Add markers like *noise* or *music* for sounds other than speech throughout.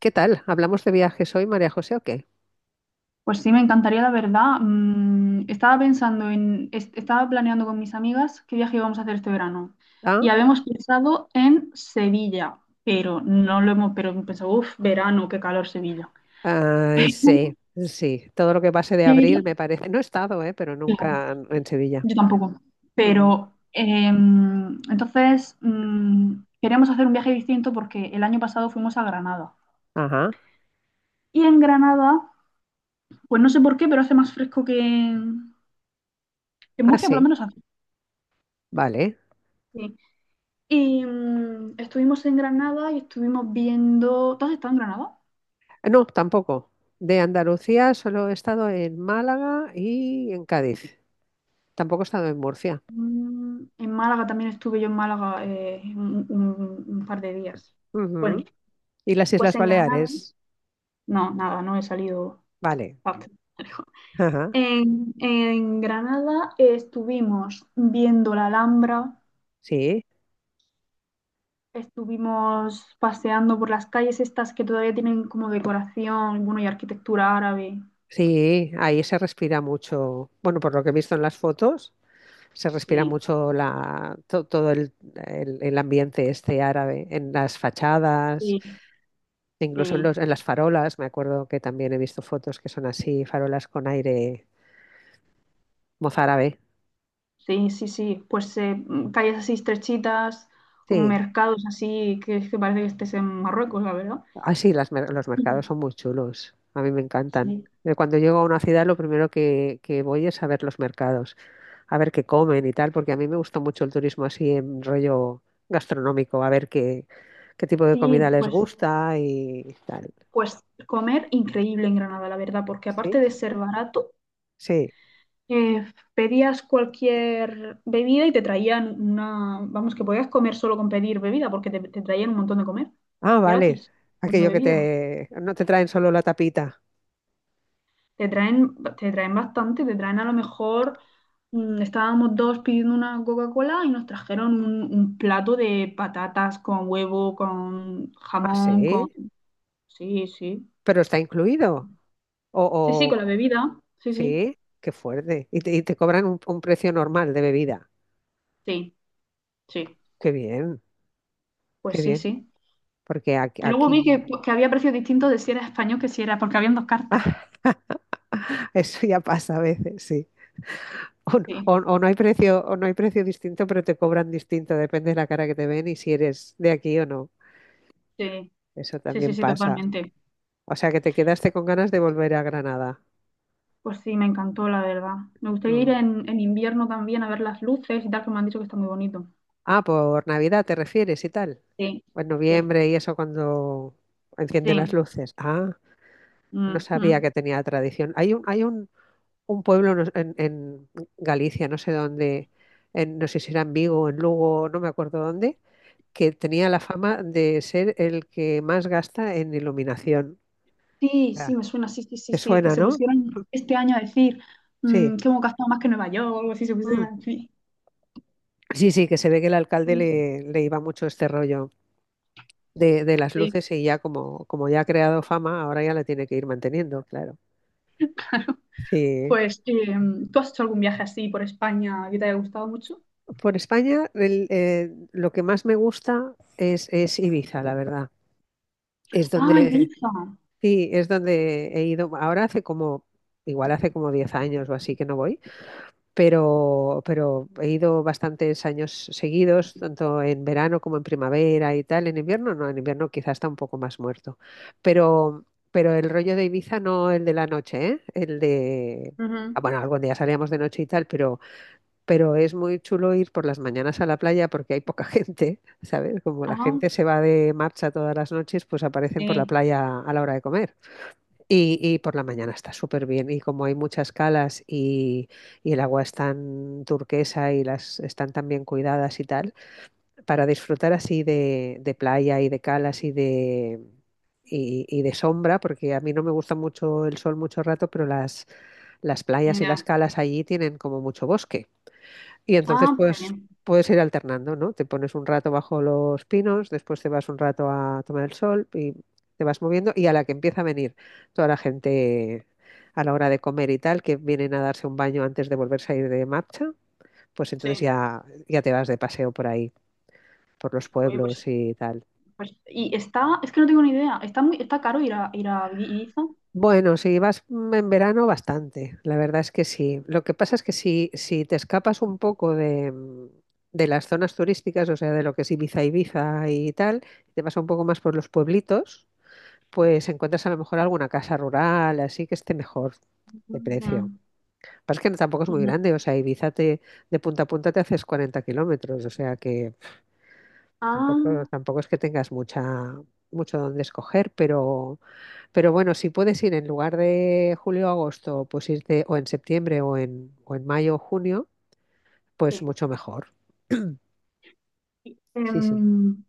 ¿Qué tal? ¿Hablamos de viajes hoy, María José, o qué? Pues sí, me encantaría, la verdad. Mm, estaba pensando en, estaba planeando con mis amigas qué viaje íbamos a hacer este verano. Ah, Y habíamos pensado en Sevilla, pero no lo hemos, pero pensado, uff, verano, qué calor Sevilla. ah, sí, sí. Todo lo que pase de Pero, abril me parece. No he estado, pero claro, nunca en Sevilla. yo tampoco. Ujú. Pero entonces queríamos hacer un viaje distinto porque el año pasado fuimos a Granada. Ajá. Y en Granada, pues no sé por qué, pero hace más fresco que en Ah, Murcia, por lo sí. menos hace. Vale. Y estuvimos en Granada y estuvimos viendo. ¿Tú has estado en Granada? Ah, no, tampoco. De Andalucía solo he estado en Málaga y en Cádiz. Tampoco he estado en Murcia. Mm, en Málaga también estuve yo en Málaga un, un par de días. Bueno, Ujú. ¿Y las pues Islas en Granada. Baleares? No, nada, no he salido. Vale. Bastante lejos. Ajá. En Granada estuvimos viendo la Alhambra, Sí. estuvimos paseando por las calles estas que todavía tienen como decoración, bueno, y arquitectura árabe. Sí, ahí se respira mucho. Bueno, por lo que he visto en las fotos. Se respira Sí, mucho todo el ambiente este árabe en las fachadas, sí, incluso sí. En las farolas. Me acuerdo que también he visto fotos que son así, farolas con aire mozárabe. Sí, sí, sí. Pues calles así estrechitas, con Sí, mercados así, que es que parece que estés en Marruecos, la verdad. así los Y- mercados son muy chulos. A mí me encantan. Sí, Cuando llego a una ciudad, lo primero que voy es a ver los mercados, a ver qué comen y tal, porque a mí me gusta mucho el turismo así en rollo gastronómico, a ver qué tipo de sí, comida les pues, gusta y tal. pues comer increíble en Granada, la verdad, porque aparte Sí. de ser barato, Sí. eh, pedías cualquier bebida y te traían una, vamos, que podías comer solo con pedir bebida, porque te traían un montón de comer, Ah, vale. gratis, con la Aquello que bebida. te. No te traen solo la tapita. Te traen bastante, te traen a lo mejor, estábamos dos pidiendo una Coca-Cola y nos trajeron un plato de patatas con huevo, con Ah, jamón, con... sí. Sí, sí. Pero está incluido. O, Sí, sí, o... con la bebida. Sí, sí. Sí, qué fuerte. Y te cobran un precio normal de bebida. Sí, sí. Qué bien, Pues qué sí, bien. sí. Porque aquí, Luego vi que, aquí pues, que había precios distintos de si era español que si era, porque habían dos cartas. *laughs* eso ya pasa a veces, sí. O, n- Sí, o- o no hay precio, o no hay precio distinto, pero te cobran distinto. Depende de la cara que te ven y si eres de aquí o no. sí, Eso sí, sí, también sí, pasa. totalmente. O sea que te quedaste con ganas de volver a Granada. Pues sí, me encantó, la verdad. Me gustaría ir Mm. En invierno también a ver las luces y tal, que me han dicho que está muy bonito. Ah, por Navidad te refieres y tal. Sí, En sí, noviembre y eso cuando enciende las sí. luces. Ah, no sabía Ujú. que tenía tradición. Hay un pueblo en Galicia, no sé dónde, no sé si era en Vigo, o en Lugo, no me acuerdo dónde, que tenía la fama de ser el que más gasta en iluminación. Sí, Ah. sí, me suena, sí, sí, sí, ¿Te sí, que suena, se no? pusieron este año a decir Sí. Que hemos gastado más que Nueva York, o algo así se pusieron Mm. a decir. Sí, sí, que se ve que el alcalde Sí, le iba mucho este rollo de las sí. luces y ya como ya ha creado fama, ahora ya la tiene que ir manteniendo, claro. Sí. Pues, ¿tú has hecho algún viaje así por España que te haya gustado mucho? Por España, lo que más me gusta es Ibiza, la verdad. Es Ah, donde, Ibiza. sí, es donde he ido. Igual hace como 10 años o así que no voy, pero he ido bastantes años seguidos, tanto en verano como en primavera y tal. En invierno no, en invierno quizás está un poco más muerto. Pero, pero el rollo de Ibiza no el de la noche, ¿eh? El de. Ujú. Bueno, algún día salíamos de noche y tal, pero es muy chulo ir por las mañanas a la playa porque hay poca *laughs* gente, ¿sabes? Como la Ah, gente se va de marcha todas las noches, pues aparecen por la sí, playa a la hora de comer. Y por la mañana está súper bien. Y como hay muchas calas y el agua es tan turquesa y las están tan bien cuidadas y tal, para disfrutar así de playa y de calas y de. Y de sombra, porque a mí no me gusta mucho el sol mucho rato, pero las playas y las ya. calas allí tienen como mucho bosque. Y entonces Ah, qué pues bien, puedes ir alternando, ¿no? Te pones un rato bajo los pinos, después te vas un rato a tomar el sol y te vas moviendo y a la que empieza a venir toda la gente a la hora de comer y tal, que vienen a darse un baño antes de volverse a ir de marcha, pues entonces sí. ya te vas de paseo por ahí, por los Oye, pues, pueblos y tal. Y está, es que no tengo ni idea, está muy, está caro ir a, ir a Ibiza. Bueno, si vas en verano, bastante. La verdad es que sí. Lo que pasa es que si te escapas un poco de las zonas turísticas, o sea, de lo que es Ibiza, Ibiza y tal, te vas un poco más por los pueblitos, pues encuentras a lo mejor alguna casa rural, así que esté mejor de precio. Ujú, Pasa que tampoco es muy ujú. grande, o sea, Ibiza de punta a punta te haces 40 kilómetros, o sea que tampoco, Ah, tampoco es que tengas mucho donde escoger, pero. Pero bueno, si puedes ir en lugar de julio o agosto, pues irte o en septiembre o en mayo o junio, pues sí. mucho mejor. *clears throat* Sí, sí. Em,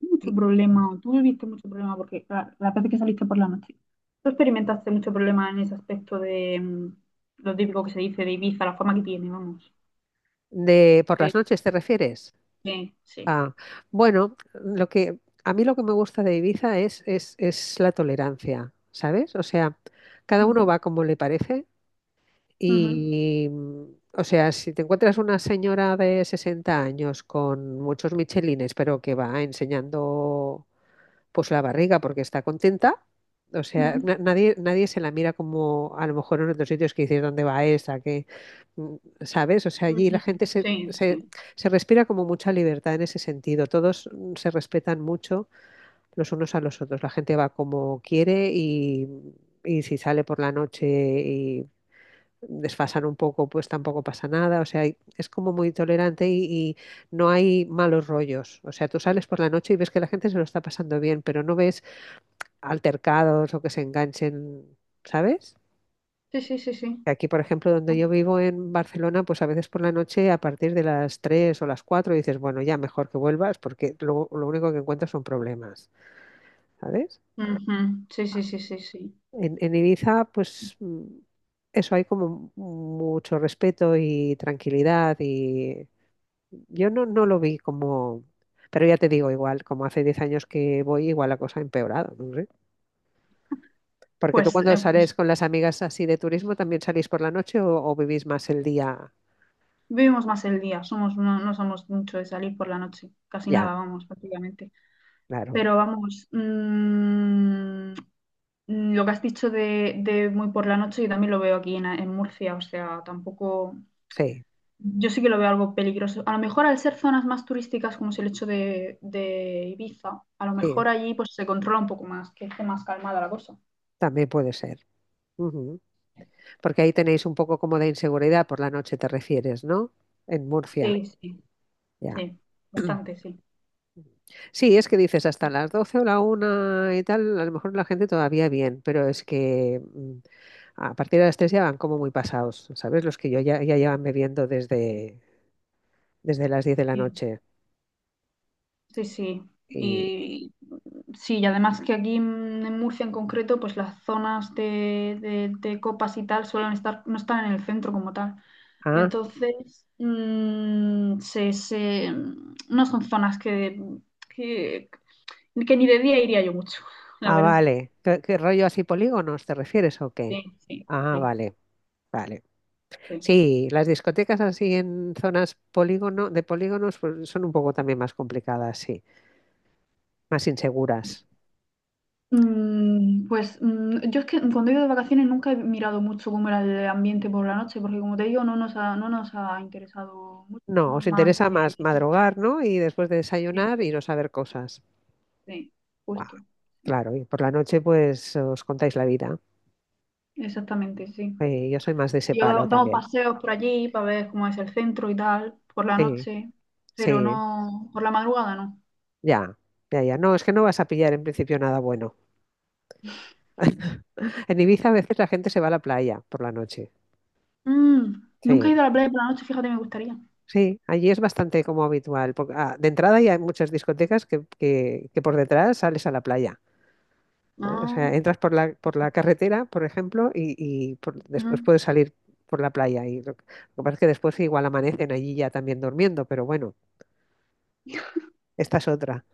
mucho Y problema, o tú viviste mucho problema, porque la vez que saliste por la noche, tú experimentaste mucho problema en ese aspecto de lo típico que se dice de Ibiza, la fama que tiene, vamos. ¿por De, las noches te refieres? Sí. Ah, bueno, lo que a mí lo que me gusta de Ibiza es la tolerancia, ¿sabes? O sea, cada uno Ujú, va como le parece ujú, y, mm, o sea, si te encuentras una señora de 60 años con muchos michelines, pero que va enseñando pues la barriga, porque está contenta. O sea, ujú, nadie se la mira como a lo mejor en otros sitios que dices dónde va esa, mm, ¿sabes? O sea, allí la ujú. gente se, Sí, se, sí. se respira como mucha libertad en ese sentido. Todos se respetan mucho los unos a los otros. La gente va como quiere y si sale por la noche y desfasan un poco, pues tampoco pasa nada. O sea, es como muy tolerante y no hay malos rollos. O sea, tú sales por la noche y ves que la gente se lo está pasando bien, pero no ves altercados o que se enganchen, ¿sabes? Sí, sí, sí, sí. Aquí, por ejemplo, donde yo vivo en Barcelona, pues a veces por la noche, a partir de las 3 o las 4 dices, bueno, ya mejor que vuelvas porque lo único que encuentras son problemas, ¿sabes? Ujú, sí, sí, sí, sí, sí. En Ibiza, pues eso hay como mucho respeto y tranquilidad y yo no lo vi como, pero ya te digo, igual, como hace 10 años que voy, igual la cosa ha empeorado, ¿no? Porque tú Pues, cuando pues sales con las amigas así de turismo, ¿también salís por la noche o vivís más el día? vivimos más el día, somos, no, no somos mucho de salir por la noche, casi Ya, nada, vamos, prácticamente. claro. Pero vamos, lo que has dicho de muy por la noche, yo también lo veo aquí en Murcia, o sea, tampoco, Sí, yo sí que lo veo algo peligroso. A lo mejor al ser zonas más turísticas, como es el hecho de Ibiza, a lo sí, mejor allí pues se controla un poco más, que esté más calmada la cosa. también puede ser. Ujú. Porque ahí tenéis un poco como de inseguridad por la noche, te refieres, ¿no? En Murcia. Sí, sí, Ya. sí, *clears throat* bastante, sí. Sí, es que dices hasta las 12 o la 1 y tal, a lo mejor la gente todavía bien, pero es que a partir de las 3 ya van como muy pasados, ¿sabes? Los que yo ya llevan bebiendo desde las 10 de la Sí, noche. sí, sí. Y, Y sí, y además que aquí en Murcia en concreto, pues las zonas de, de copas y tal suelen estar, no están en el centro como tal. ah, Entonces, se, no son zonas que, que ni de día iría yo mucho, la Ah, verdad. vale. ¿Qué rollo así polígonos te refieres o qué? Sí, sí, Ah, sí, vale, vale. sí. Sí, las discotecas así en zonas de polígonos pues, son un poco también más complicadas, sí, más inseguras. Mm, pues yo es que cuando he ido de vacaciones nunca he mirado mucho cómo era el ambiente por la noche, porque como te digo, no nos ha, no nos ha interesado mucho, No, somos os más... interesa más madrugar, ¿no? Y después de sí, desayunar iros a ver cosas. sí, Guau, justo, sí, claro, y por la noche pues os contáis la vida. exactamente, sí. Sí, yo soy más de ese Yo palo damos también. paseos por allí para ver cómo es el centro y tal, por la Sí, noche, pero sí, no, por la madrugada no. ya, ya, ya. No, es que no vas a pillar en principio nada bueno. En Ibiza a veces la gente se va a la playa por la noche. Mm, nunca Sí. he ido a la playa por la noche, fíjate, me gustaría. Sí, allí es bastante como habitual. Porque, de entrada ya hay muchas discotecas que por detrás sales a la playa. ¿Eh? O sea, No, entras por la, carretera, por ejemplo, y después mm. puedes salir por la playa. Y lo que pasa es que después igual amanecen allí ya también durmiendo, pero bueno, esta es otra.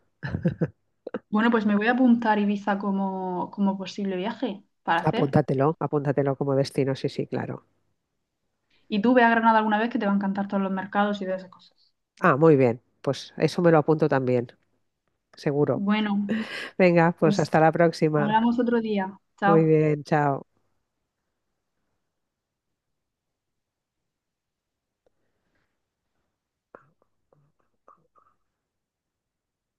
Bueno, pues me voy a apuntar Ibiza como, como posible viaje para hacer. Apúntatelo, apúntatelo como destino, sí, sí, claro. Y tú ve a Granada alguna vez que te va a encantar todos los mercados y todas esas cosas. Ah, muy bien, pues eso me lo apunto también, seguro. Bueno, Venga, pues pues hasta la próxima. hablamos otro día. Muy Chao. bien, chao.